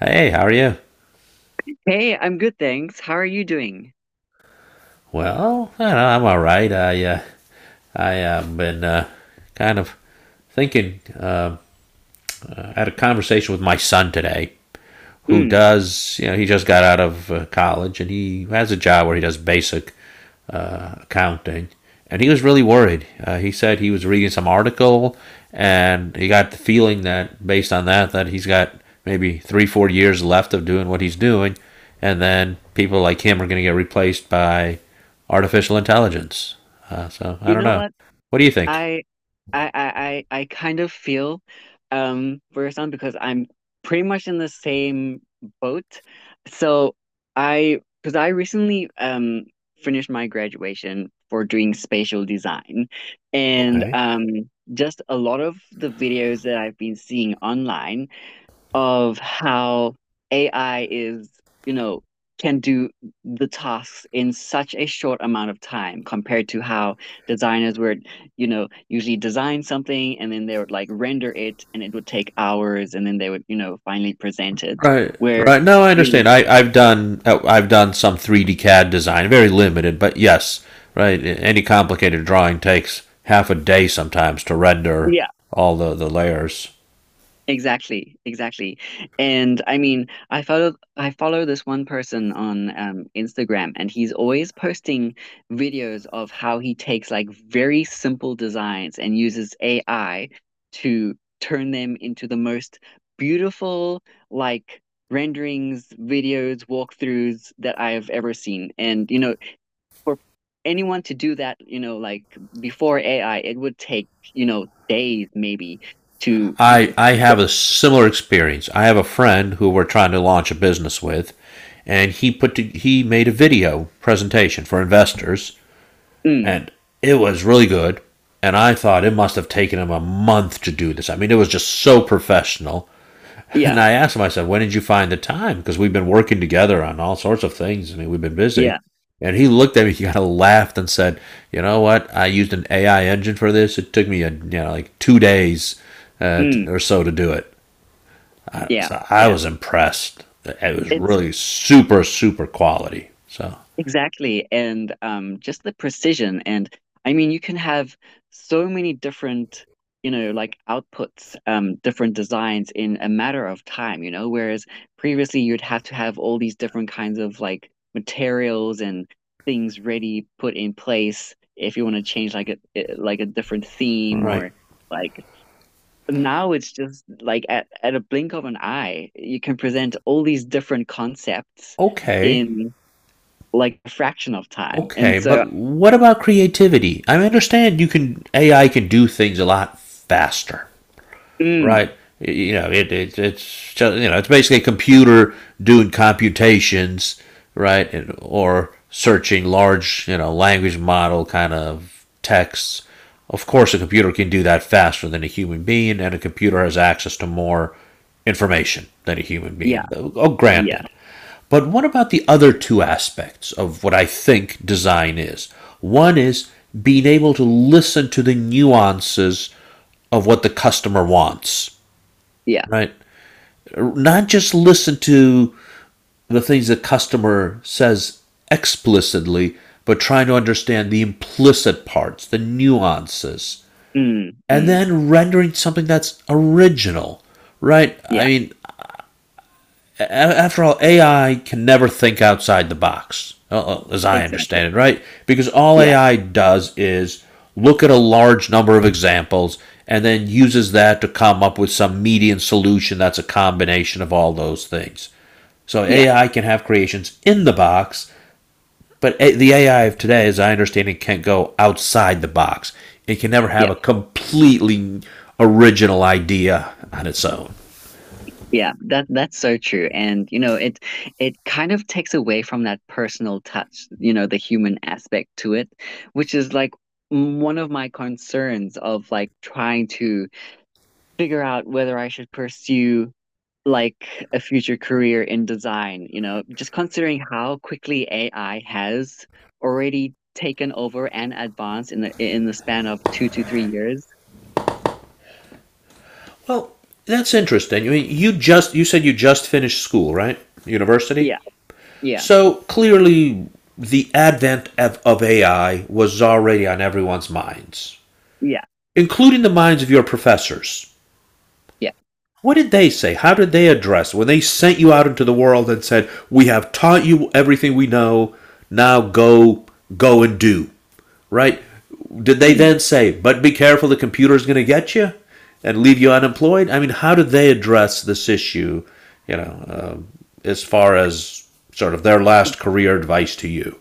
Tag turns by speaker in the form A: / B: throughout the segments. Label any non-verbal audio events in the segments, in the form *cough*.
A: Hey, how are you?
B: Hey, I'm good, thanks. How are you doing?
A: Well, I don't know, I'm all right. I have been kind of thinking. I had a conversation with my son today, who
B: Mm.
A: does, you know, he just got out of college and he has a job where he does basic accounting. And he was really worried. He said he was reading some article and he got the feeling that based on that he's got maybe 3, 4 years left of doing what he's doing. And then people like him are going to get replaced by artificial intelligence. So I
B: You
A: don't
B: know
A: know.
B: what?
A: What do you think?
B: I I kind of feel for your son because I'm pretty much in the same boat. So I because I recently finished my graduation for doing spatial design. And
A: Okay.
B: just a lot of the videos that I've been seeing online of how AI is, you know, can do the tasks in such a short amount of time compared to how designers would, you know, usually design something and then they would like render it and it would take hours and then they would, you know, finally present it.
A: Right,
B: Where,
A: right. No, I
B: you know,
A: understand. I've done some 3D CAD design, very limited, but yes, right. Any complicated drawing takes half a day sometimes to render
B: yeah,
A: all the layers.
B: exactly, exactly. And I mean, I follow this one person on Instagram, and he's always posting videos of how he takes like very simple designs and uses AI to turn them into the most beautiful like renderings, videos, walkthroughs that I have ever seen. And you know, for anyone to do that, you know, like before AI, it would take, you know, days maybe to…
A: I have a similar experience. I have a friend who we're trying to launch a business with, and he made a video presentation for investors,
B: Mm.
A: and it was really good. And I thought it must have taken him a month to do this. I mean, it was just so professional. And
B: Yeah,
A: I asked him, I said, when did you find the time? Because we've been working together on all sorts of things. I mean, we've been busy.
B: yeah.
A: And he looked at me, *laughs* he kind of laughed and said, you know what? I used an AI engine for this. It took me, like 2 days
B: Mm,
A: or so to do it. I,
B: yeah,
A: so I
B: yeah.
A: was impressed. It was
B: It's
A: really super, super quality. So,
B: exactly. And just the precision. And I mean, you can have so many different, you know, like outputs, different designs in a matter of time, you know, whereas previously you'd have to have all these different kinds of like materials and things ready, put in place if you want to change like a like a different
A: all
B: theme,
A: right.
B: or like now it's just like at a blink of an eye, you can present all these different concepts
A: Okay.
B: in like a fraction of time. And
A: Okay.
B: so,
A: But what about creativity? I understand AI can do things a lot faster, right?
B: mm,
A: It's just, it's basically a computer doing computations, right? Or searching large language model kind of texts. Of course, a computer can do that faster than a human being, and a computer has access to more information than a human
B: yeah,
A: being. Oh,
B: yeah,
A: granted. But what about the other two aspects of what I think design is? One is being able to listen to the nuances of what the customer wants,
B: yeah,
A: right? Not just listen to the things the customer says explicitly, but trying to understand the implicit parts, the nuances,
B: mm,
A: and
B: mm,
A: then rendering something that's original, right? I
B: yeah,
A: mean, after all, AI can never think outside the box, as I
B: exactly.
A: understand it, right? Because all
B: Yeah,
A: AI does is look at a large number of examples and then uses that to come up with some median solution that's a combination of all those things. So
B: yeah,
A: AI can have creations in the box, but the AI of today, as I understand it, can't go outside the box. It can never have
B: yeah,
A: a completely original idea on its own.
B: yeah. That that's so true. And you know, it kind of takes away from that personal touch, you know, the human aspect to it, which is like one of my concerns of like trying to figure out whether I should pursue like a future career in design, you know, just considering how quickly AI has already taken over and advanced in the span of two to three years.
A: Well, that's interesting. I mean, you said you just finished school, right? University.
B: Yeah, yeah,
A: So clearly, the advent of AI was already on everyone's minds,
B: yeah,
A: including the minds of your professors.
B: yeah.
A: What did they say? How did they address when they sent you out into the world and said, "We have taught you everything we know. Now go, go and do." Right? Did they
B: Mm.
A: then say, but be careful, the computer's going to get you and leave you unemployed? I mean, how did they address this issue, you know, uh, as far as sort of their last career advice to you?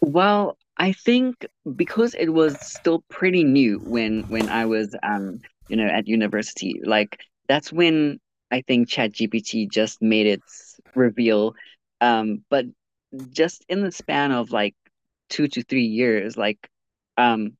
B: Well, I think because it was still pretty new when I was you know, at university, like that's when I think ChatGPT just made its reveal. But just in the span of like two to three years, like um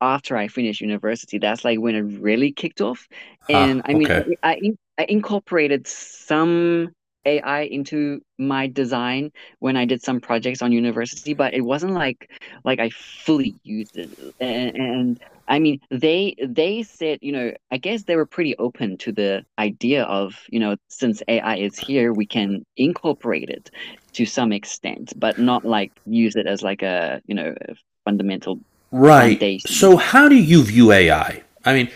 B: after I finished university, that's like when it really kicked off. And
A: Ah,
B: I mean,
A: okay.
B: I incorporated some AI into my design when I did some projects on university, but it wasn't like I fully used it. And I mean, they said, you know, I guess they were pretty open to the idea of, you know, since AI is here, we can incorporate it to some extent, but not like use it as like a, you know, a fundamental
A: Right. So,
B: foundation.
A: how do you view AI? I mean,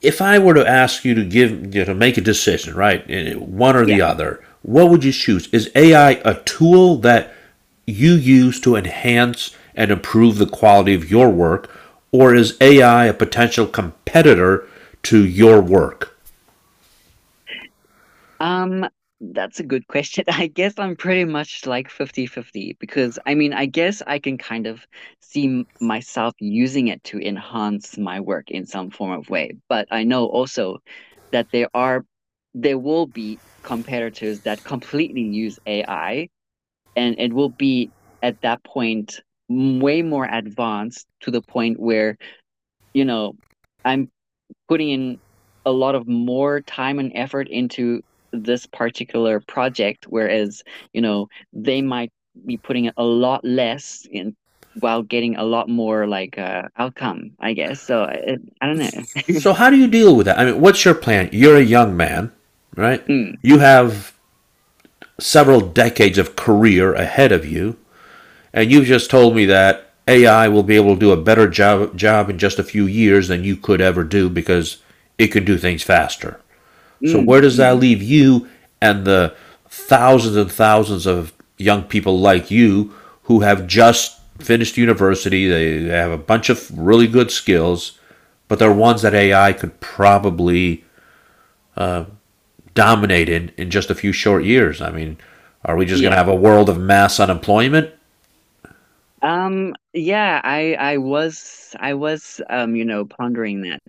A: if I were to ask you to give to make a decision, right, one or
B: Yeah.
A: the other, what would you choose? Is AI a tool that you use to enhance and improve the quality of your work, or is AI a potential competitor to your work?
B: Um, that's a good question. *laughs* I guess I'm pretty much like fifty-fifty because I mean, I guess I can kind of see myself using it to enhance my work in some form of way. But I know also that there will be competitors that completely use AI and it will be at that point way more advanced to the point where you know, I'm putting in a lot of more time and effort into this particular project, whereas, you know, they might be putting a lot less in while getting a lot more like outcome, I guess. So I don't know. *laughs*
A: So, how do you deal with that? I mean, what's your plan? You're a young man, right?
B: Mm,
A: You have several decades of career ahead of you. And you've just told me that AI will be able to do a better job in just a few years than you could ever do because it can do things faster. So where
B: mm,
A: does that
B: mm.
A: leave you and the thousands and thousands of young people like you who have just finished university, they have a bunch of really good skills, but they're ones that AI could probably dominate in just a few short years. I mean, are we just going to
B: Yeah.
A: have a world of mass unemployment?
B: Yeah, I was you know, pondering that.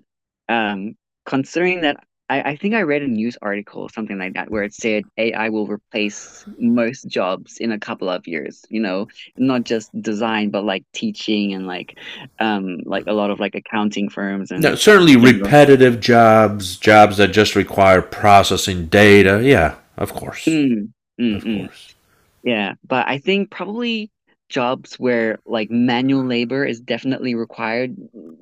B: Um, Considering that I think I read a news article or something like that where it said AI will replace most jobs in a couple of years, you know, not just design, but like teaching and like a lot of like accounting firms
A: Now,
B: and
A: certainly
B: you know.
A: repetitive jobs, jobs that just require processing data. Yeah, of course.
B: Mm, mm,
A: Of
B: mm.
A: course.
B: Yeah. But I think probably jobs where like manual labor is definitely required,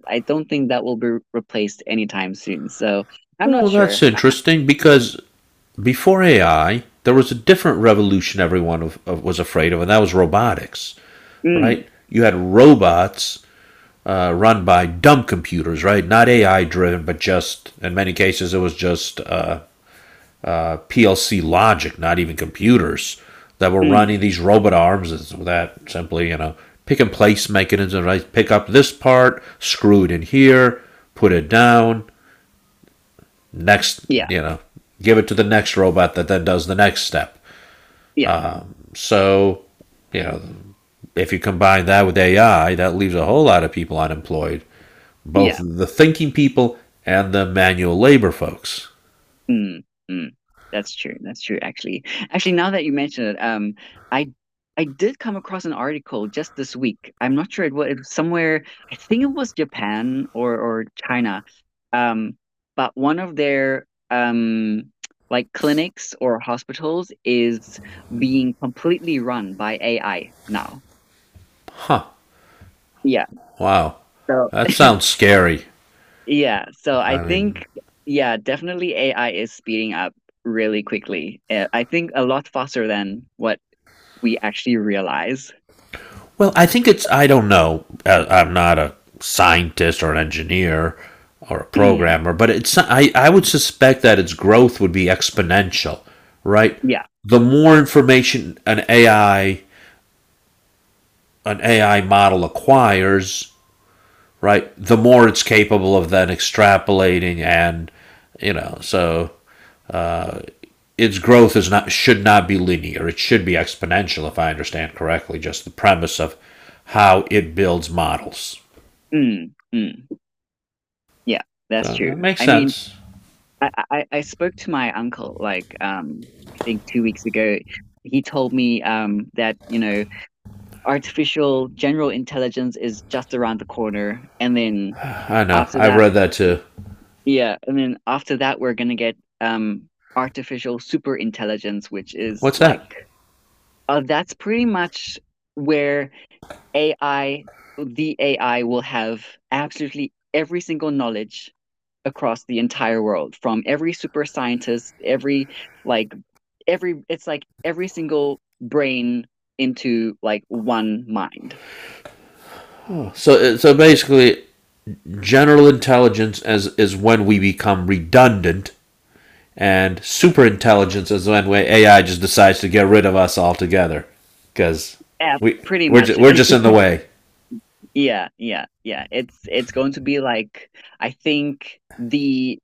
B: I don't think that will be replaced anytime soon. So I'm not
A: Well,
B: sure.
A: that's
B: I-
A: interesting because before AI, there was a different revolution everyone was afraid of, and that was robotics,
B: Mm,
A: right? You had robots run by dumb computers, right? Not AI driven, but just, in many cases, it was just PLC logic, not even computers, that were running
B: mm,
A: these robot arms that simply, pick and place mechanism, right? Pick up this part, screw it in here, put it down, next,
B: yeah,
A: give it to the next robot that then does the next step.
B: yeah,
A: So, you know, if you combine that with AI, that leaves a whole lot of people unemployed, both
B: yeah.
A: the thinking people and the manual labor folks.
B: Mm, mm. That's true. That's true, actually. Actually, now that you mention it, I I did come across an article just this week. I'm not sure it was somewhere, I think it was Japan or China. Um, but one of their um like clinics or hospitals is being completely run by AI now.
A: Huh,
B: Yeah.
A: wow.
B: So
A: That
B: *laughs*
A: sounds scary.
B: Yeah, so I
A: I mean,
B: think, yeah, definitely AI is speeding up really quickly. I think a lot faster than what we actually realize.
A: well, I think I don't know. I'm not a scientist or an engineer or a
B: Mm,
A: programmer, but I would suspect that its growth would be exponential, right?
B: yeah,
A: The more information an AI, an AI model acquires, right, the more it's capable of then extrapolating and, so its growth is not should not be linear. It should be exponential, if I understand correctly, just the premise of how it builds models.
B: mm, mm, yeah, that's
A: So
B: true.
A: that makes
B: I mean,
A: sense.
B: I spoke to my uncle like I think 2 weeks ago. He told me that, you know, artificial general intelligence is just around the corner, and then
A: I know.
B: after
A: I've
B: that,
A: read that too.
B: yeah, and then after that, we're gonna get artificial super intelligence, which is
A: What's
B: like
A: that?
B: that's pretty much where AI, the AI will have absolutely every single knowledge across the entire world, from every super scientist, every like every it's like every single brain into like one mind.
A: So basically, general intelligence as is when we become redundant, and super intelligence is when AI just decides to get rid of us altogether because
B: Yeah,
A: we
B: pretty
A: we're
B: much.
A: just we're just
B: *laughs*
A: in the way.
B: Yeah, yeah, yeah. It's going to be like I think the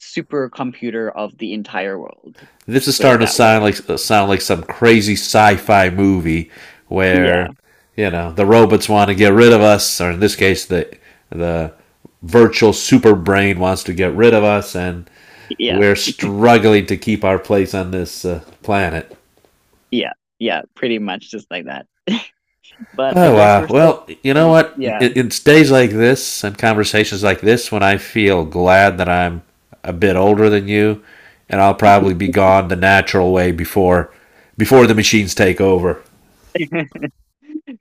B: supercomputer of the entire world,
A: This is
B: put it
A: starting to
B: that
A: sound
B: way.
A: like some crazy sci-fi movie
B: Yeah,
A: where the robots want to get rid of us, or in this case, the virtual super brain wants to get rid of us, and
B: yeah,
A: we're struggling to keep our place on this planet.
B: yeah, yeah, pretty much just like that. But I
A: Oh,
B: guess
A: wow.
B: we're still,
A: Well, you
B: uh,
A: know what?
B: yeah,
A: It's days like this and conversations like this when I feel glad that I'm a bit older than you, and I'll probably be gone the natural way before the machines take over.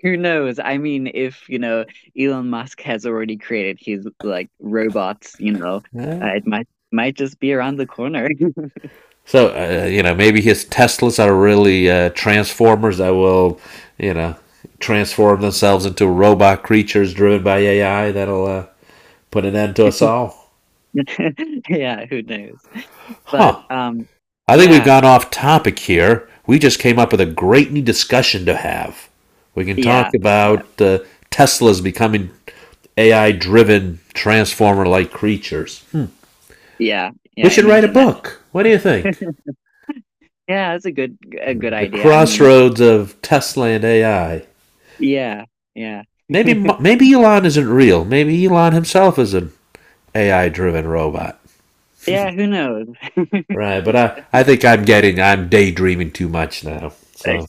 B: who knows? I mean, if, you know, Elon Musk has already created his like robots, you know, it might just be around the corner.
A: So, maybe his Teslas are really transformers that will, you know, transform themselves into robot creatures driven by AI that'll put an end to us all.
B: *laughs* Yeah, who knows? But
A: Huh. I think we've
B: yeah,
A: gone off topic here. We just came up with a great new discussion to have. We can talk
B: yeah, yeah,
A: about Tesla's becoming AI driven, transformer like creatures. Hmm.
B: yeah,
A: We
B: yeah,
A: should write a
B: imagine that.
A: book. What do you think?
B: *laughs* Yeah, that's a good
A: The
B: idea. I mean,
A: crossroads of Tesla and AI.
B: yeah, yeah.
A: Maybe Elon isn't real. Maybe Elon himself is an AI driven robot.
B: Yeah, who knows?
A: Right, but I,
B: *laughs*
A: I think I'm daydreaming too much now. So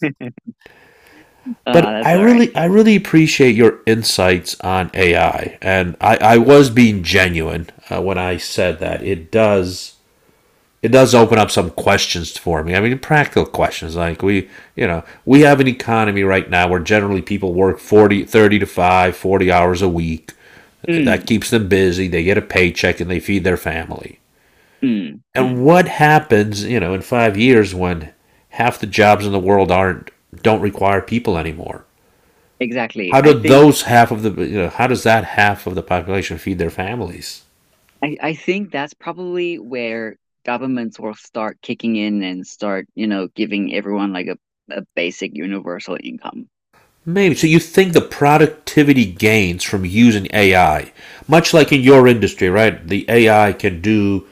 A: but I
B: That's all right.
A: really I really appreciate your insights on AI, and I was being genuine when I said that it does open up some questions for me. I mean, practical questions like we you know we have an economy right now where generally people work 40, 30 to 5, 40 hours a week. That
B: Mm,
A: keeps them busy. They get a paycheck and they feed their family.
B: mm,
A: And
B: mm.
A: what happens in 5 years when half the jobs in the world aren't don't require people anymore?
B: Exactly.
A: How do
B: I think
A: those half of the how does that half of the population feed their families?
B: I think that's probably where governments will start kicking in and start, you know, giving everyone like a basic universal income.
A: Maybe so. You think the productivity gains from using AI, much like in your industry, right? The AI can do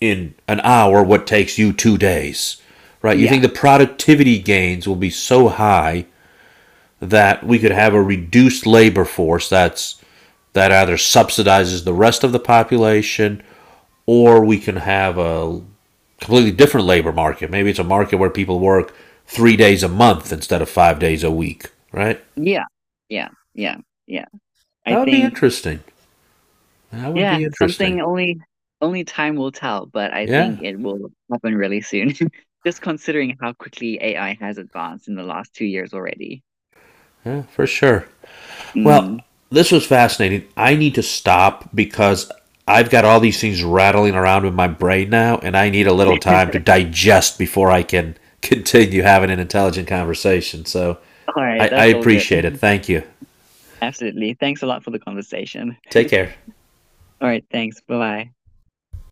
A: in an hour what takes you 2 days, right? You
B: Yeah.
A: think the productivity gains will be so high that we could have a reduced labor force that either subsidizes the rest of the population or we can have a completely different labor market. Maybe it's a market where people work 3 days a month instead of 5 days a week, right?
B: Yeah. Yeah. Yeah. Yeah. I
A: That would be
B: think
A: interesting. That would
B: yeah,
A: be interesting.
B: something only time will tell, but I think
A: Yeah,
B: it will happen really soon. *laughs* Just considering how quickly AI has advanced in the last 2 years already.
A: yeah, for sure. Well,
B: Mm.
A: this was fascinating. I need to stop because I've got all these things rattling around in my brain now, and I need a little time to digest before I can *laughs* continue having an intelligent conversation. So
B: All right,
A: I
B: that's all good.
A: appreciate it. Thank you.
B: *laughs* Absolutely. Thanks a lot for the conversation.
A: Take care.
B: All right, thanks. Bye bye.